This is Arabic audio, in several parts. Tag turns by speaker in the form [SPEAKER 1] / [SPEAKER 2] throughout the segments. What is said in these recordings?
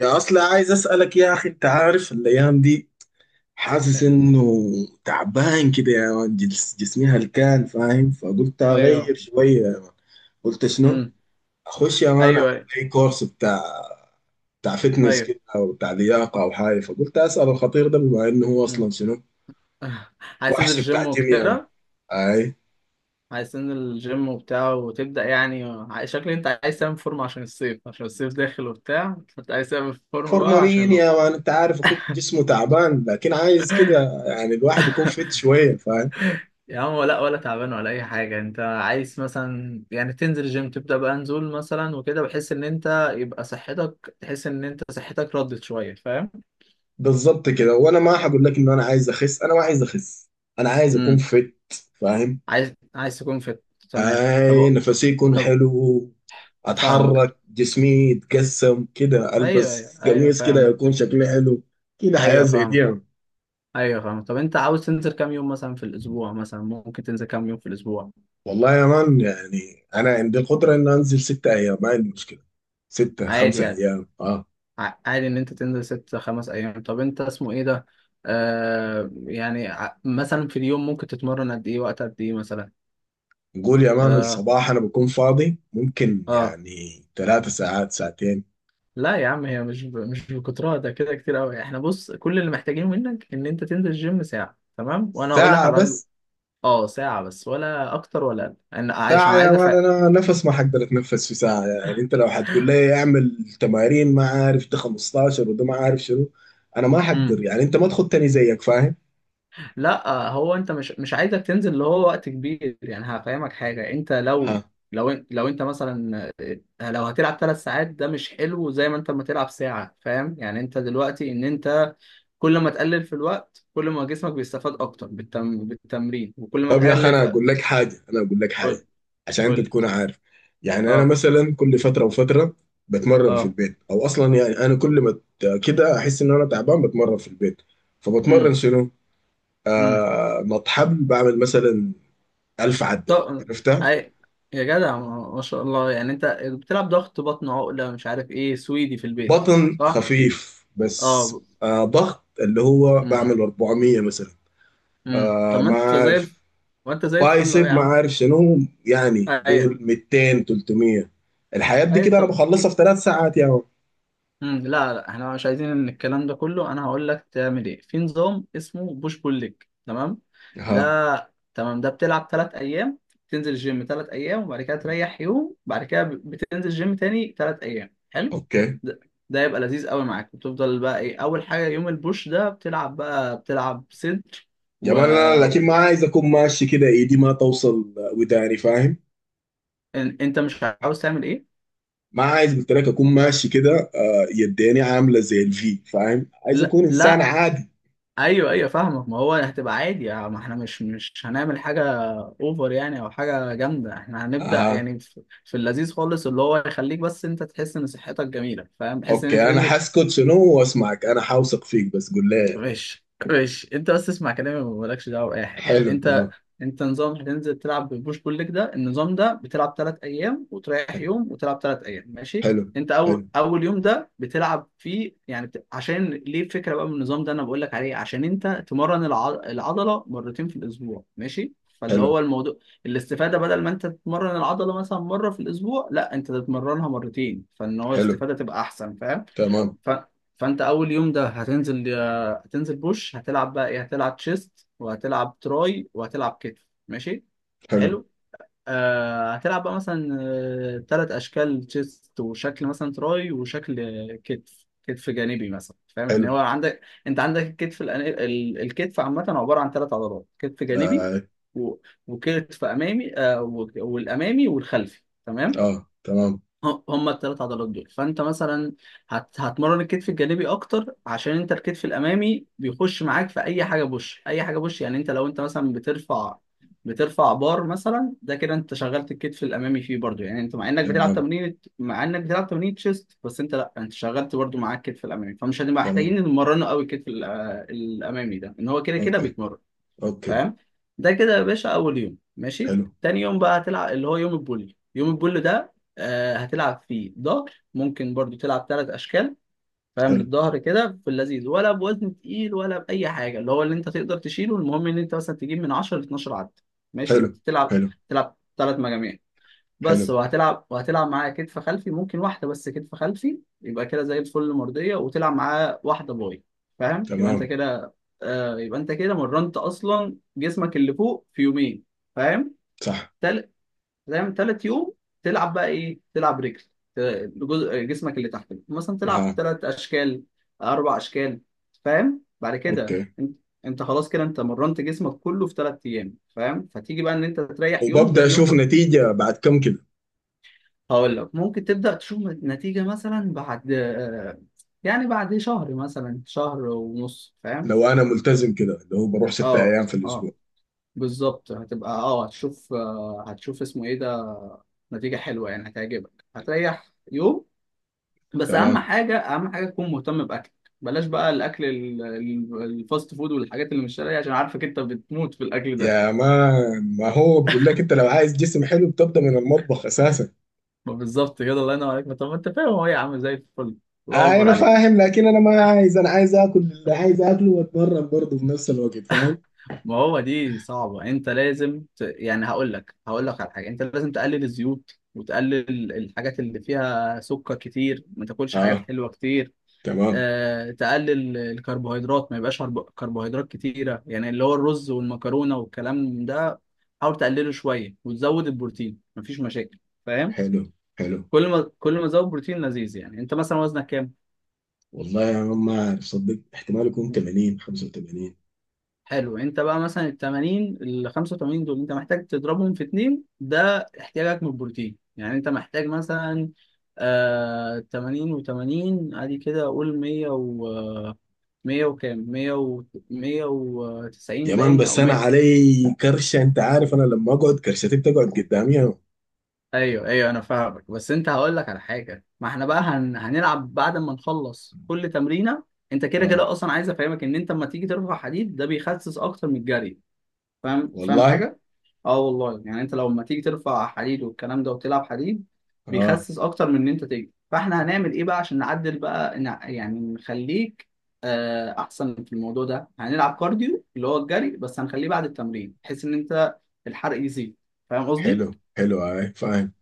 [SPEAKER 1] يا اصلا عايز اسالك يا اخي، انت عارف الايام دي حاسس انه تعبان كده يا مان. جسمي هلكان فاهم، فقلت اغير
[SPEAKER 2] ايوه.
[SPEAKER 1] شويه يا مان. قلت شنو؟
[SPEAKER 2] امم.
[SPEAKER 1] اخش يا مان اعمل
[SPEAKER 2] ايوه، ايوه،
[SPEAKER 1] لي كورس بتاع فتنس
[SPEAKER 2] ايوه.
[SPEAKER 1] كده او بتاع لياقه او حاجه. فقلت اسال الخطير ده، بما انه هو
[SPEAKER 2] امم
[SPEAKER 1] اصلا شنو؟
[SPEAKER 2] عايزين
[SPEAKER 1] وحش بتاع
[SPEAKER 2] الجيم
[SPEAKER 1] جيم يا مان.
[SPEAKER 2] وكده.
[SPEAKER 1] اي
[SPEAKER 2] عايزين الجيم وبتاع وتبدأ يعني، شكلي انت عايز تعمل فورمة عشان الصيف عشان الصيف داخل وبتاع، فانت عايز تعمل فورمة
[SPEAKER 1] فورمه
[SPEAKER 2] بقى عشان
[SPEAKER 1] مين
[SPEAKER 2] لو...
[SPEAKER 1] يا مان؟ انت عارف اخوك جسمه تعبان، لكن عايز كده يعني الواحد يكون فت شويه فاهم.
[SPEAKER 2] يا عم، لا ولا تعبان ولا اي حاجة. انت عايز مثلا يعني تنزل الجيم تبدأ بقى نزول مثلا وكده، بحيث ان انت يبقى صحتك تحس ان انت صحتك ردت شوية، فاهم؟
[SPEAKER 1] بالظبط كده، وانا ما هقول لك ان انا عايز اخس، انا ما عايز اخس، انا عايز اكون
[SPEAKER 2] امم
[SPEAKER 1] فت فاهم.
[SPEAKER 2] عايز تكون فت، تمام.
[SPEAKER 1] هاي نفسي يكون
[SPEAKER 2] طب،
[SPEAKER 1] حلو،
[SPEAKER 2] فاهمك.
[SPEAKER 1] اتحرك جسمي يتقسم كده،
[SPEAKER 2] ايوه، ايوه،
[SPEAKER 1] البس
[SPEAKER 2] ايوه،
[SPEAKER 1] قميص كده
[SPEAKER 2] فاهم.
[SPEAKER 1] يكون شكلي حلو، كده حياة
[SPEAKER 2] ايوه
[SPEAKER 1] زي دي
[SPEAKER 2] فاهم.
[SPEAKER 1] يعني.
[SPEAKER 2] ايوه فاهم. طب انت عاوز تنزل كام يوم مثلا في الاسبوع؟ مثلا ممكن تنزل كام يوم في الاسبوع؟
[SPEAKER 1] والله يا مان يعني انا عندي القدرة ان انزل ستة ايام، ما عندي مشكلة. ستة
[SPEAKER 2] عادي
[SPEAKER 1] خمسة
[SPEAKER 2] يعني.
[SPEAKER 1] ايام اه.
[SPEAKER 2] عادي ان انت تنزل ست خمس ايام. طب انت اسمه ايه ده، يعني مثلا في اليوم ممكن تتمرن قد ايه، وقت قد ايه مثلا؟
[SPEAKER 1] نقول يا مان
[SPEAKER 2] اه.
[SPEAKER 1] الصباح انا بكون فاضي، ممكن
[SPEAKER 2] اه.
[SPEAKER 1] يعني ثلاثة ساعات ساعتين.
[SPEAKER 2] لا يا عم، هي مش بالكترة ده، كده كتير قوي. احنا بص، كل اللي محتاجينه منك ان انت تنزل الجيم ساعة، تمام؟ وانا هقول لك
[SPEAKER 1] ساعة
[SPEAKER 2] على...
[SPEAKER 1] بس؟
[SPEAKER 2] اه، ساعة بس، ولا اكتر ولا اقل، انا عشان
[SPEAKER 1] ساعة يا
[SPEAKER 2] عايز
[SPEAKER 1] مان
[SPEAKER 2] افهم.
[SPEAKER 1] أنا نفس ما حقدر أتنفس في ساعة. يعني أنت لو هتقول لي أعمل تمارين ما عارف ده 15 وده ما عارف شنو، أنا ما حقدر. يعني أنت ما تخطني زيك فاهم؟
[SPEAKER 2] لا، هو انت مش عايزك تنزل اللي هو وقت كبير. يعني هفهمك حاجه، انت
[SPEAKER 1] ها.
[SPEAKER 2] لو... لو انت مثلا، لو هتلعب ثلاث ساعات ده مش حلو زي ما انت ما تلعب ساعه، فاهم؟ يعني انت دلوقتي ان انت كل ما تقلل في الوقت كل ما جسمك بيستفاد اكتر بالتمرين، وكل ما
[SPEAKER 1] طب يا أخي
[SPEAKER 2] تقلل
[SPEAKER 1] أنا أقول لك حاجة، أنا أقول لك حاجة
[SPEAKER 2] قول.
[SPEAKER 1] عشان
[SPEAKER 2] قول
[SPEAKER 1] أنت
[SPEAKER 2] لي.
[SPEAKER 1] تكون عارف. يعني أنا
[SPEAKER 2] اه.
[SPEAKER 1] مثلا كل فترة وفترة بتمرن في
[SPEAKER 2] اه.
[SPEAKER 1] البيت، أو أصلا يعني أنا كل ما كده أحس إن أنا تعبان بتمرن في البيت. فبتمرن
[SPEAKER 2] امم
[SPEAKER 1] شنو؟
[SPEAKER 2] امم
[SPEAKER 1] آه، نط حبل، بعمل مثلا 1000 عدة.
[SPEAKER 2] طب.
[SPEAKER 1] عرفتها؟
[SPEAKER 2] عي- يا جدع، ما شاء الله. يعني انت بتلعب ضغط بطن عقله، مش عارف ايه، سويدي في البيت.
[SPEAKER 1] بطن
[SPEAKER 2] صح.
[SPEAKER 1] خفيف بس.
[SPEAKER 2] اه.
[SPEAKER 1] آه، ضغط اللي هو بعمل 400 مثلا.
[SPEAKER 2] طب
[SPEAKER 1] آه ما عارف،
[SPEAKER 2] ما انت زي الفل اهو
[SPEAKER 1] بايسب
[SPEAKER 2] يا
[SPEAKER 1] ما
[SPEAKER 2] عم.
[SPEAKER 1] عارف شنو. يعني
[SPEAKER 2] ايوه،
[SPEAKER 1] قول 200 300. الحاجات دي
[SPEAKER 2] ايوه،
[SPEAKER 1] كده انا
[SPEAKER 2] طب.
[SPEAKER 1] بخلصها في ثلاث ساعات يا عم.
[SPEAKER 2] لا لا، احنا مش عايزين ان الكلام ده كله. انا هقول لك تعمل ايه، في نظام اسمه بوش بول ليج، تمام؟ ده...
[SPEAKER 1] ها.
[SPEAKER 2] تمام، ده بتلعب ثلاث ايام، تنزل الجيم ثلاث ايام وبعد كده تريح يوم، بعد كده بتنزل الجيم تاني ثلاث ايام، حلو؟
[SPEAKER 1] اوكي.
[SPEAKER 2] ده, ده يبقى لذيذ قوي معاك. بتفضل بقى ايه، اول حاجه يوم البوش ده بتلعب بقى، بتلعب صدر
[SPEAKER 1] يا
[SPEAKER 2] و...
[SPEAKER 1] مان انا لكن ما عايز اكون ماشي كده ايدي ما توصل وداني فاهم.
[SPEAKER 2] انت مش عاوز تعمل ايه؟
[SPEAKER 1] ما عايز قلت لك اكون ماشي كده، يديني عامله زي الفي فاهم. عايز
[SPEAKER 2] لا
[SPEAKER 1] اكون انسان
[SPEAKER 2] لا،
[SPEAKER 1] عادي.
[SPEAKER 2] ايوه ايوه فاهمك. ما هو هتبقى عادي يعني، ما احنا مش هنعمل حاجه اوفر يعني، او حاجه جامده. احنا هنبدا
[SPEAKER 1] اها.
[SPEAKER 2] يعني في اللذيذ خالص، اللي هو يخليك بس انت تحس ان صحتك جميله، فاهم؟ تحس ان انت
[SPEAKER 1] اوكي، انا
[SPEAKER 2] تنزل.
[SPEAKER 1] حاسكت شنو واسمعك، انا حاوثق فيك، بس قول لي.
[SPEAKER 2] ماشي، ماشي. انت بس اسمع كلامي ومالكش دعوه باي حاجه.
[SPEAKER 1] حلو
[SPEAKER 2] انت،
[SPEAKER 1] اه.
[SPEAKER 2] انت نظام هتنزل تلعب ببوش بول ليج. ده النظام ده بتلعب ثلاث ايام وتريح
[SPEAKER 1] حلو.
[SPEAKER 2] يوم وتلعب ثلاث ايام، ماشي؟
[SPEAKER 1] حلو.
[SPEAKER 2] انت اول
[SPEAKER 1] حلو.
[SPEAKER 2] اول يوم ده بتلعب فيه يعني عشان ليه الفكره بقى من النظام ده انا بقول لك عليه، عشان انت تمرن العضله مرتين في الاسبوع، ماشي؟ فاللي
[SPEAKER 1] حلو.
[SPEAKER 2] هو الموضوع الاستفاده، بدل ما انت تتمرن العضله مثلا مره في الاسبوع، لا انت تتمرنها مرتين، فان هو
[SPEAKER 1] حلو.
[SPEAKER 2] الاستفاده تبقى احسن، فاهم؟
[SPEAKER 1] تمام.
[SPEAKER 2] ف... فانت اول يوم ده هتنزل بوش، هتلعب بقى ايه، هتلعب تشيست وهتلعب تراي وهتلعب كتف، ماشي؟
[SPEAKER 1] حلو.
[SPEAKER 2] حلو. هتلعب بقى مثلا، تلات اشكال تشيست، وشكل مثلا تراي، وشكل كتف، كتف جانبي مثلا، فاهم؟ ان
[SPEAKER 1] حلو.
[SPEAKER 2] هو عندك، انت عندك الكتف الكتف عامه عباره عن ثلاث عضلات: كتف جانبي
[SPEAKER 1] اه.
[SPEAKER 2] و... وكتف امامي، والامامي والخلفي، تمام؟
[SPEAKER 1] آه. تمام.
[SPEAKER 2] هم الثلاث عضلات دول. فانت مثلا هتمرن الكتف الجانبي اكتر، عشان انت الكتف الامامي بيخش معاك في اي حاجه بوش، اي حاجه بوش يعني انت لو انت مثلا بترفع بار مثلا، ده كده انت شغلت الكتف الامامي فيه برضو. يعني انت مع انك بتلعب
[SPEAKER 1] تمام.
[SPEAKER 2] تمرين، تشيست بس، انت لا، انت شغلت برضو معاك الكتف الامامي، فمش هنبقى محتاجين
[SPEAKER 1] تمام.
[SPEAKER 2] نمرنه قوي الكتف الامامي ده، ان هو كده كده
[SPEAKER 1] اوكي.
[SPEAKER 2] بيتمرن،
[SPEAKER 1] اوكي.
[SPEAKER 2] فاهم؟ ده كده يا باشا اول يوم، ماشي.
[SPEAKER 1] حلو.
[SPEAKER 2] تاني يوم بقى هتلعب اللي هو يوم البول. يوم البول ده هتلعب فيه ظهر، ممكن برضو تلعب ثلاث اشكال، فاهم؟
[SPEAKER 1] حلو.
[SPEAKER 2] للظهر كده في اللذيذ، ولا بوزن تقيل ولا باي حاجه، اللي هو اللي انت تقدر تشيله. المهم ان انت مثلا تجيب من 10 ل 12 عد،
[SPEAKER 1] حلو.
[SPEAKER 2] ماشي؟
[SPEAKER 1] حلو.
[SPEAKER 2] تلعب ثلاث مجاميع
[SPEAKER 1] حلو.
[SPEAKER 2] بس. وهتلعب معاه كتف خلفي، ممكن واحدة بس كتف خلفي، يبقى كده زي الفل مرضية، وتلعب معاه واحدة باي، فاهم؟ يبقى انت
[SPEAKER 1] تمام.
[SPEAKER 2] كده، يبقى انت كده مرنت اصلا جسمك اللي فوق في يومين، فاهم؟
[SPEAKER 1] صح.
[SPEAKER 2] تل... فاهم، تالت يوم تلعب بقى ايه، تلعب رجل، ت- جزء جسمك اللي تحت، مثلا تلعب
[SPEAKER 1] اه.
[SPEAKER 2] تلات اشكال، اربع اشكال، فاهم؟ بعد كده
[SPEAKER 1] اوكي.
[SPEAKER 2] انت خلاص كده انت مرنت جسمك كله في تلات ايام، فاهم؟ فتيجي بقى ان انت تريح يوم، ده
[SPEAKER 1] وببدأ اشوف
[SPEAKER 2] اليوم.
[SPEAKER 1] نتيجة بعد كم كده؟
[SPEAKER 2] هقول لك ممكن تبدأ تشوف نتيجة مثلا بعد يعني بعد شهر مثلا، شهر ونص، فاهم؟
[SPEAKER 1] لو انا ملتزم كده اللي هو بروح ستة
[SPEAKER 2] اه.
[SPEAKER 1] ايام في الاسبوع.
[SPEAKER 2] اه. بالظبط. هتبقى اه هتشوف، هتشوف اسمه ايه ده، نتيجة حلوة يعني هتعجبك. هتريح يوم بس. أهم
[SPEAKER 1] تمام.
[SPEAKER 2] حاجة، تكون مهتم بأكلك. بلاش بقى الأكل الفاست فود والحاجات اللي مش شرعية، عشان عارفك أنت بتموت في الأكل ده.
[SPEAKER 1] يا ما، ما هو بقول لك، انت لو عايز جسم حلو بتبدأ من المطبخ اساسا.
[SPEAKER 2] ما بالظبط كده، الله ينور عليك. ما طب ما أنت فاهم، هو يا عم زي الفل. الله
[SPEAKER 1] آه
[SPEAKER 2] أكبر
[SPEAKER 1] انا
[SPEAKER 2] عليك.
[SPEAKER 1] فاهم، لكن انا ما عايز، انا عايز اكل اللي عايز اكله واتمرن برضه في نفس الوقت فاهم.
[SPEAKER 2] ما هو دي صعبة. انت لازم يعني هقول لك، على حاجة، انت لازم تقلل الزيوت وتقلل الحاجات اللي فيها سكر كتير، ما تاكلش حاجات
[SPEAKER 1] اه.
[SPEAKER 2] حلوة كتير.
[SPEAKER 1] تمام.
[SPEAKER 2] تقلل الكربوهيدرات، ما يبقاش كربوهيدرات كتيرة، يعني اللي هو الرز والمكرونة والكلام ده. حاول تقلله شوية وتزود البروتين، مفيش مشاكل، فاهم؟
[SPEAKER 1] حلو. حلو.
[SPEAKER 2] كل ما تزود بروتين لذيذ. يعني انت مثلا وزنك كام؟
[SPEAKER 1] والله يا مان ما عارف صدق، احتمال يكون 80 85.
[SPEAKER 2] حلو، انت بقى مثلا ال 80 ال 85 دول انت محتاج تضربهم في اتنين، ده احتياجك من البروتين. يعني انت محتاج مثلا 80 و80 ادي كده، اقول 100 100 وكام، 100 و 190
[SPEAKER 1] يا مان
[SPEAKER 2] باين،
[SPEAKER 1] بس
[SPEAKER 2] او
[SPEAKER 1] انا
[SPEAKER 2] 100.
[SPEAKER 1] علي كرشه، انت عارف انا لما اقعد كرشتي بتقعد قدامي يا مان.
[SPEAKER 2] ايوه ايوه انا فاهمك، بس انت هقول لك على حاجه، ما احنا بقى هنلعب بعد ما نخلص كل تمرينه. انت كده
[SPEAKER 1] اه
[SPEAKER 2] كده اصلا، عايز افهمك ان انت لما تيجي ترفع حديد ده بيخسس اكتر من الجري، فاهم؟ فاهم
[SPEAKER 1] والله.
[SPEAKER 2] حاجه؟ اه والله، يعني انت لما تيجي ترفع حديد والكلام ده وتلعب حديد
[SPEAKER 1] اه.
[SPEAKER 2] بيخسس اكتر من ان انت تجري. فاحنا هنعمل ايه بقى عشان نعدل بقى، يعني نخليك احسن في الموضوع ده، هنلعب كارديو اللي هو الجري، بس هنخليه بعد التمرين، بحيث ان انت الحرق يزيد، فاهم قصدي؟
[SPEAKER 1] حلو. حلو. آه فاهم.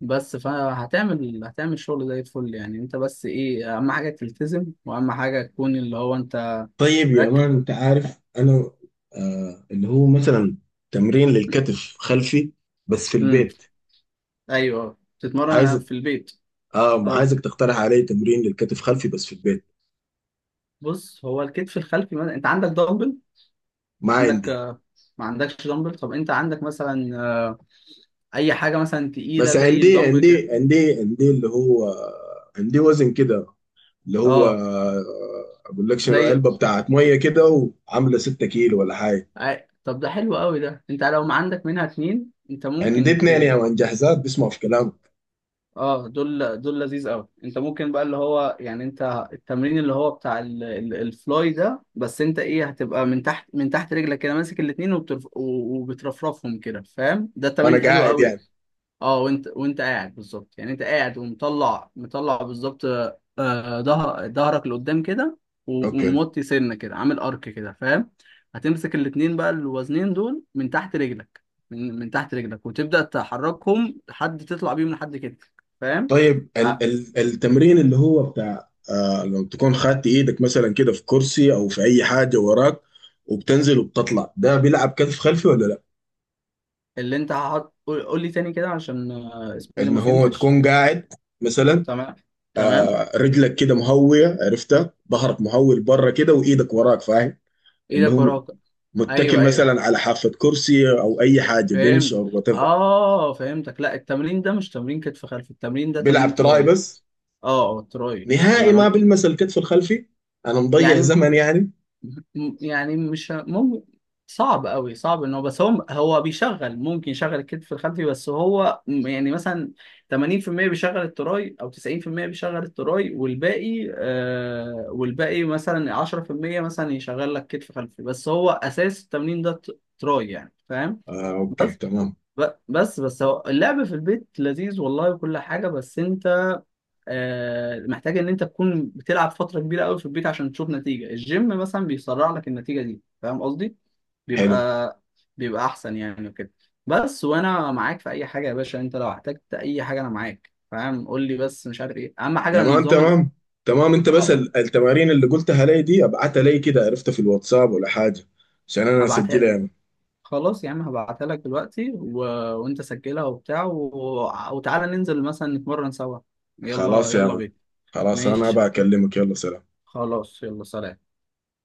[SPEAKER 2] فهتعمل، شغل زي الفل. يعني انت بس ايه، اهم حاجه تلتزم، واهم حاجه تكون اللي هو انت
[SPEAKER 1] طيب يا
[SPEAKER 2] مركز.
[SPEAKER 1] مان انت عارف انا آه اللي هو مثلا تمرين للكتف خلفي بس في
[SPEAKER 2] امم
[SPEAKER 1] البيت.
[SPEAKER 2] ايوه، تتمرن
[SPEAKER 1] عايز.
[SPEAKER 2] في البيت.
[SPEAKER 1] اه
[SPEAKER 2] اه،
[SPEAKER 1] عايزك تقترح علي تمرين للكتف خلفي بس في البيت.
[SPEAKER 2] بص هو الكتف الخلفي، مثلا انت عندك دمبل؟
[SPEAKER 1] مع
[SPEAKER 2] عندك
[SPEAKER 1] عندي.
[SPEAKER 2] ما عندكش دمبل؟ طب انت عندك مثلا اي حاجه مثلا تقيله
[SPEAKER 1] بس
[SPEAKER 2] زي
[SPEAKER 1] عندي
[SPEAKER 2] الدمبل كده.
[SPEAKER 1] عندي عندي عندي اللي هو عندي وزن كده اللي هو،
[SPEAKER 2] اه
[SPEAKER 1] اقول لك شنو،
[SPEAKER 2] زي
[SPEAKER 1] علبه بتاعت ميه كده، وعامله 6 كيلو ولا حاجه.
[SPEAKER 2] طب ده حلو قوي ده، انت لو ما عندك منها اتنين، انت
[SPEAKER 1] عندي
[SPEAKER 2] ممكن
[SPEAKER 1] اتنين يا من جاهزات بيسمعوا في كلامك.
[SPEAKER 2] اه دول، لذيذ قوي. انت ممكن بقى اللي هو يعني انت التمرين اللي هو بتاع الفلاي ده، بس انت ايه، هتبقى من تحت، رجلك كده ماسك الاتنين، وبترفرفهم كده، فاهم؟ ده
[SPEAKER 1] وانا
[SPEAKER 2] التمرين حلو
[SPEAKER 1] قاعد
[SPEAKER 2] قوي.
[SPEAKER 1] يعني؟
[SPEAKER 2] اه، وانت قاعد، بالظبط. يعني انت قاعد، مطلع بالظبط، ظهرك لقدام كده،
[SPEAKER 1] اوكي.
[SPEAKER 2] وموطي سنه كده، عامل ارك كده، فاهم؟ هتمسك الاتنين بقى الوزنين دول من تحت رجلك، من تحت رجلك، وتبدأ تحركهم لحد تطلع بيهم لحد كتفك، فاهم؟
[SPEAKER 1] طيب ال
[SPEAKER 2] ع-
[SPEAKER 1] ال التمرين اللي هو بتاع آه، لو تكون خدت ايدك مثلا كده في كرسي او في اي حاجه وراك، وبتنزل وبتطلع، ده بيلعب كتف خلفي ولا لا؟
[SPEAKER 2] اللي انت هحط، قول، قول لي تاني كده عشان اسمه ايه ده،
[SPEAKER 1] ان
[SPEAKER 2] ما
[SPEAKER 1] هو
[SPEAKER 2] فهمتش.
[SPEAKER 1] تكون قاعد مثلا،
[SPEAKER 2] تمام. تمام.
[SPEAKER 1] آه، رجلك كده مهوية عرفتها، ظهرك مهوي لبره كده، وايدك وراك فاهم، اللي
[SPEAKER 2] ايدك
[SPEAKER 1] هو
[SPEAKER 2] وراك،
[SPEAKER 1] متكل
[SPEAKER 2] ايوه ايوه
[SPEAKER 1] مثلا على حافة كرسي او اي حاجة بنش
[SPEAKER 2] فهمت.
[SPEAKER 1] او وات ايفر.
[SPEAKER 2] اه فهمتك. لا، التمرين ده مش تمرين كتف خلفي، التمرين ده
[SPEAKER 1] بيلعب
[SPEAKER 2] تمرين
[SPEAKER 1] تراي
[SPEAKER 2] تراي.
[SPEAKER 1] بس؟
[SPEAKER 2] اه تراي. ولا
[SPEAKER 1] نهائي ما
[SPEAKER 2] ماله
[SPEAKER 1] بيلمس الكتف الخلفي؟ انا مضيع
[SPEAKER 2] يعني.
[SPEAKER 1] زمن يعني.
[SPEAKER 2] يعني مش ممكن، صعب قوي، صعب. ان هو بس، هو بيشغل، ممكن يشغل الكتف الخلفي، بس هو يعني مثلا 80% بيشغل التراي، او 90% بيشغل التراي، والباقي والباقي مثلا 10% مثلا يشغل لك كتف خلفي، بس هو اساس التمرين ده تراي يعني، فاهم؟
[SPEAKER 1] آه اوكي
[SPEAKER 2] بس
[SPEAKER 1] تمام.
[SPEAKER 2] ب- بس بس هو اللعب في البيت لذيذ والله، وكل حاجة، بس انت محتاج ان انت تكون بتلعب فتره كبيره قوي في البيت عشان تشوف نتيجه، الجيم مثلا بيسرع لك النتيجه دي، فاهم قصدي؟
[SPEAKER 1] حلو.
[SPEAKER 2] بيبقى بيبقى احسن يعني وكده. بس وانا معاك في اي حاجه يا باشا، انت لو احتجت اي حاجه انا معاك، فاهم؟ قول لي بس. مش عارف ايه، اهم حاجه
[SPEAKER 1] يا مان
[SPEAKER 2] نظام
[SPEAKER 1] تمام. تمام انت بس
[SPEAKER 2] اه،
[SPEAKER 1] التمارين اللي قلتها لي دي ابعتها لي كده عرفتها في الواتساب ولا حاجة، عشان انا
[SPEAKER 2] هبعتها
[SPEAKER 1] اسجلها
[SPEAKER 2] لك.
[SPEAKER 1] يا مان.
[SPEAKER 2] يا عم، هبعتها لك دلوقتي وانت سجلها وبتاع وتعالى ننزل مثلا نتمرن سوا. يلا،
[SPEAKER 1] خلاص يا
[SPEAKER 2] يلا
[SPEAKER 1] مان.
[SPEAKER 2] بينا.
[SPEAKER 1] خلاص انا
[SPEAKER 2] ماشي.
[SPEAKER 1] بكلمك، يلا سلام.
[SPEAKER 2] خلاص يلا، سلام.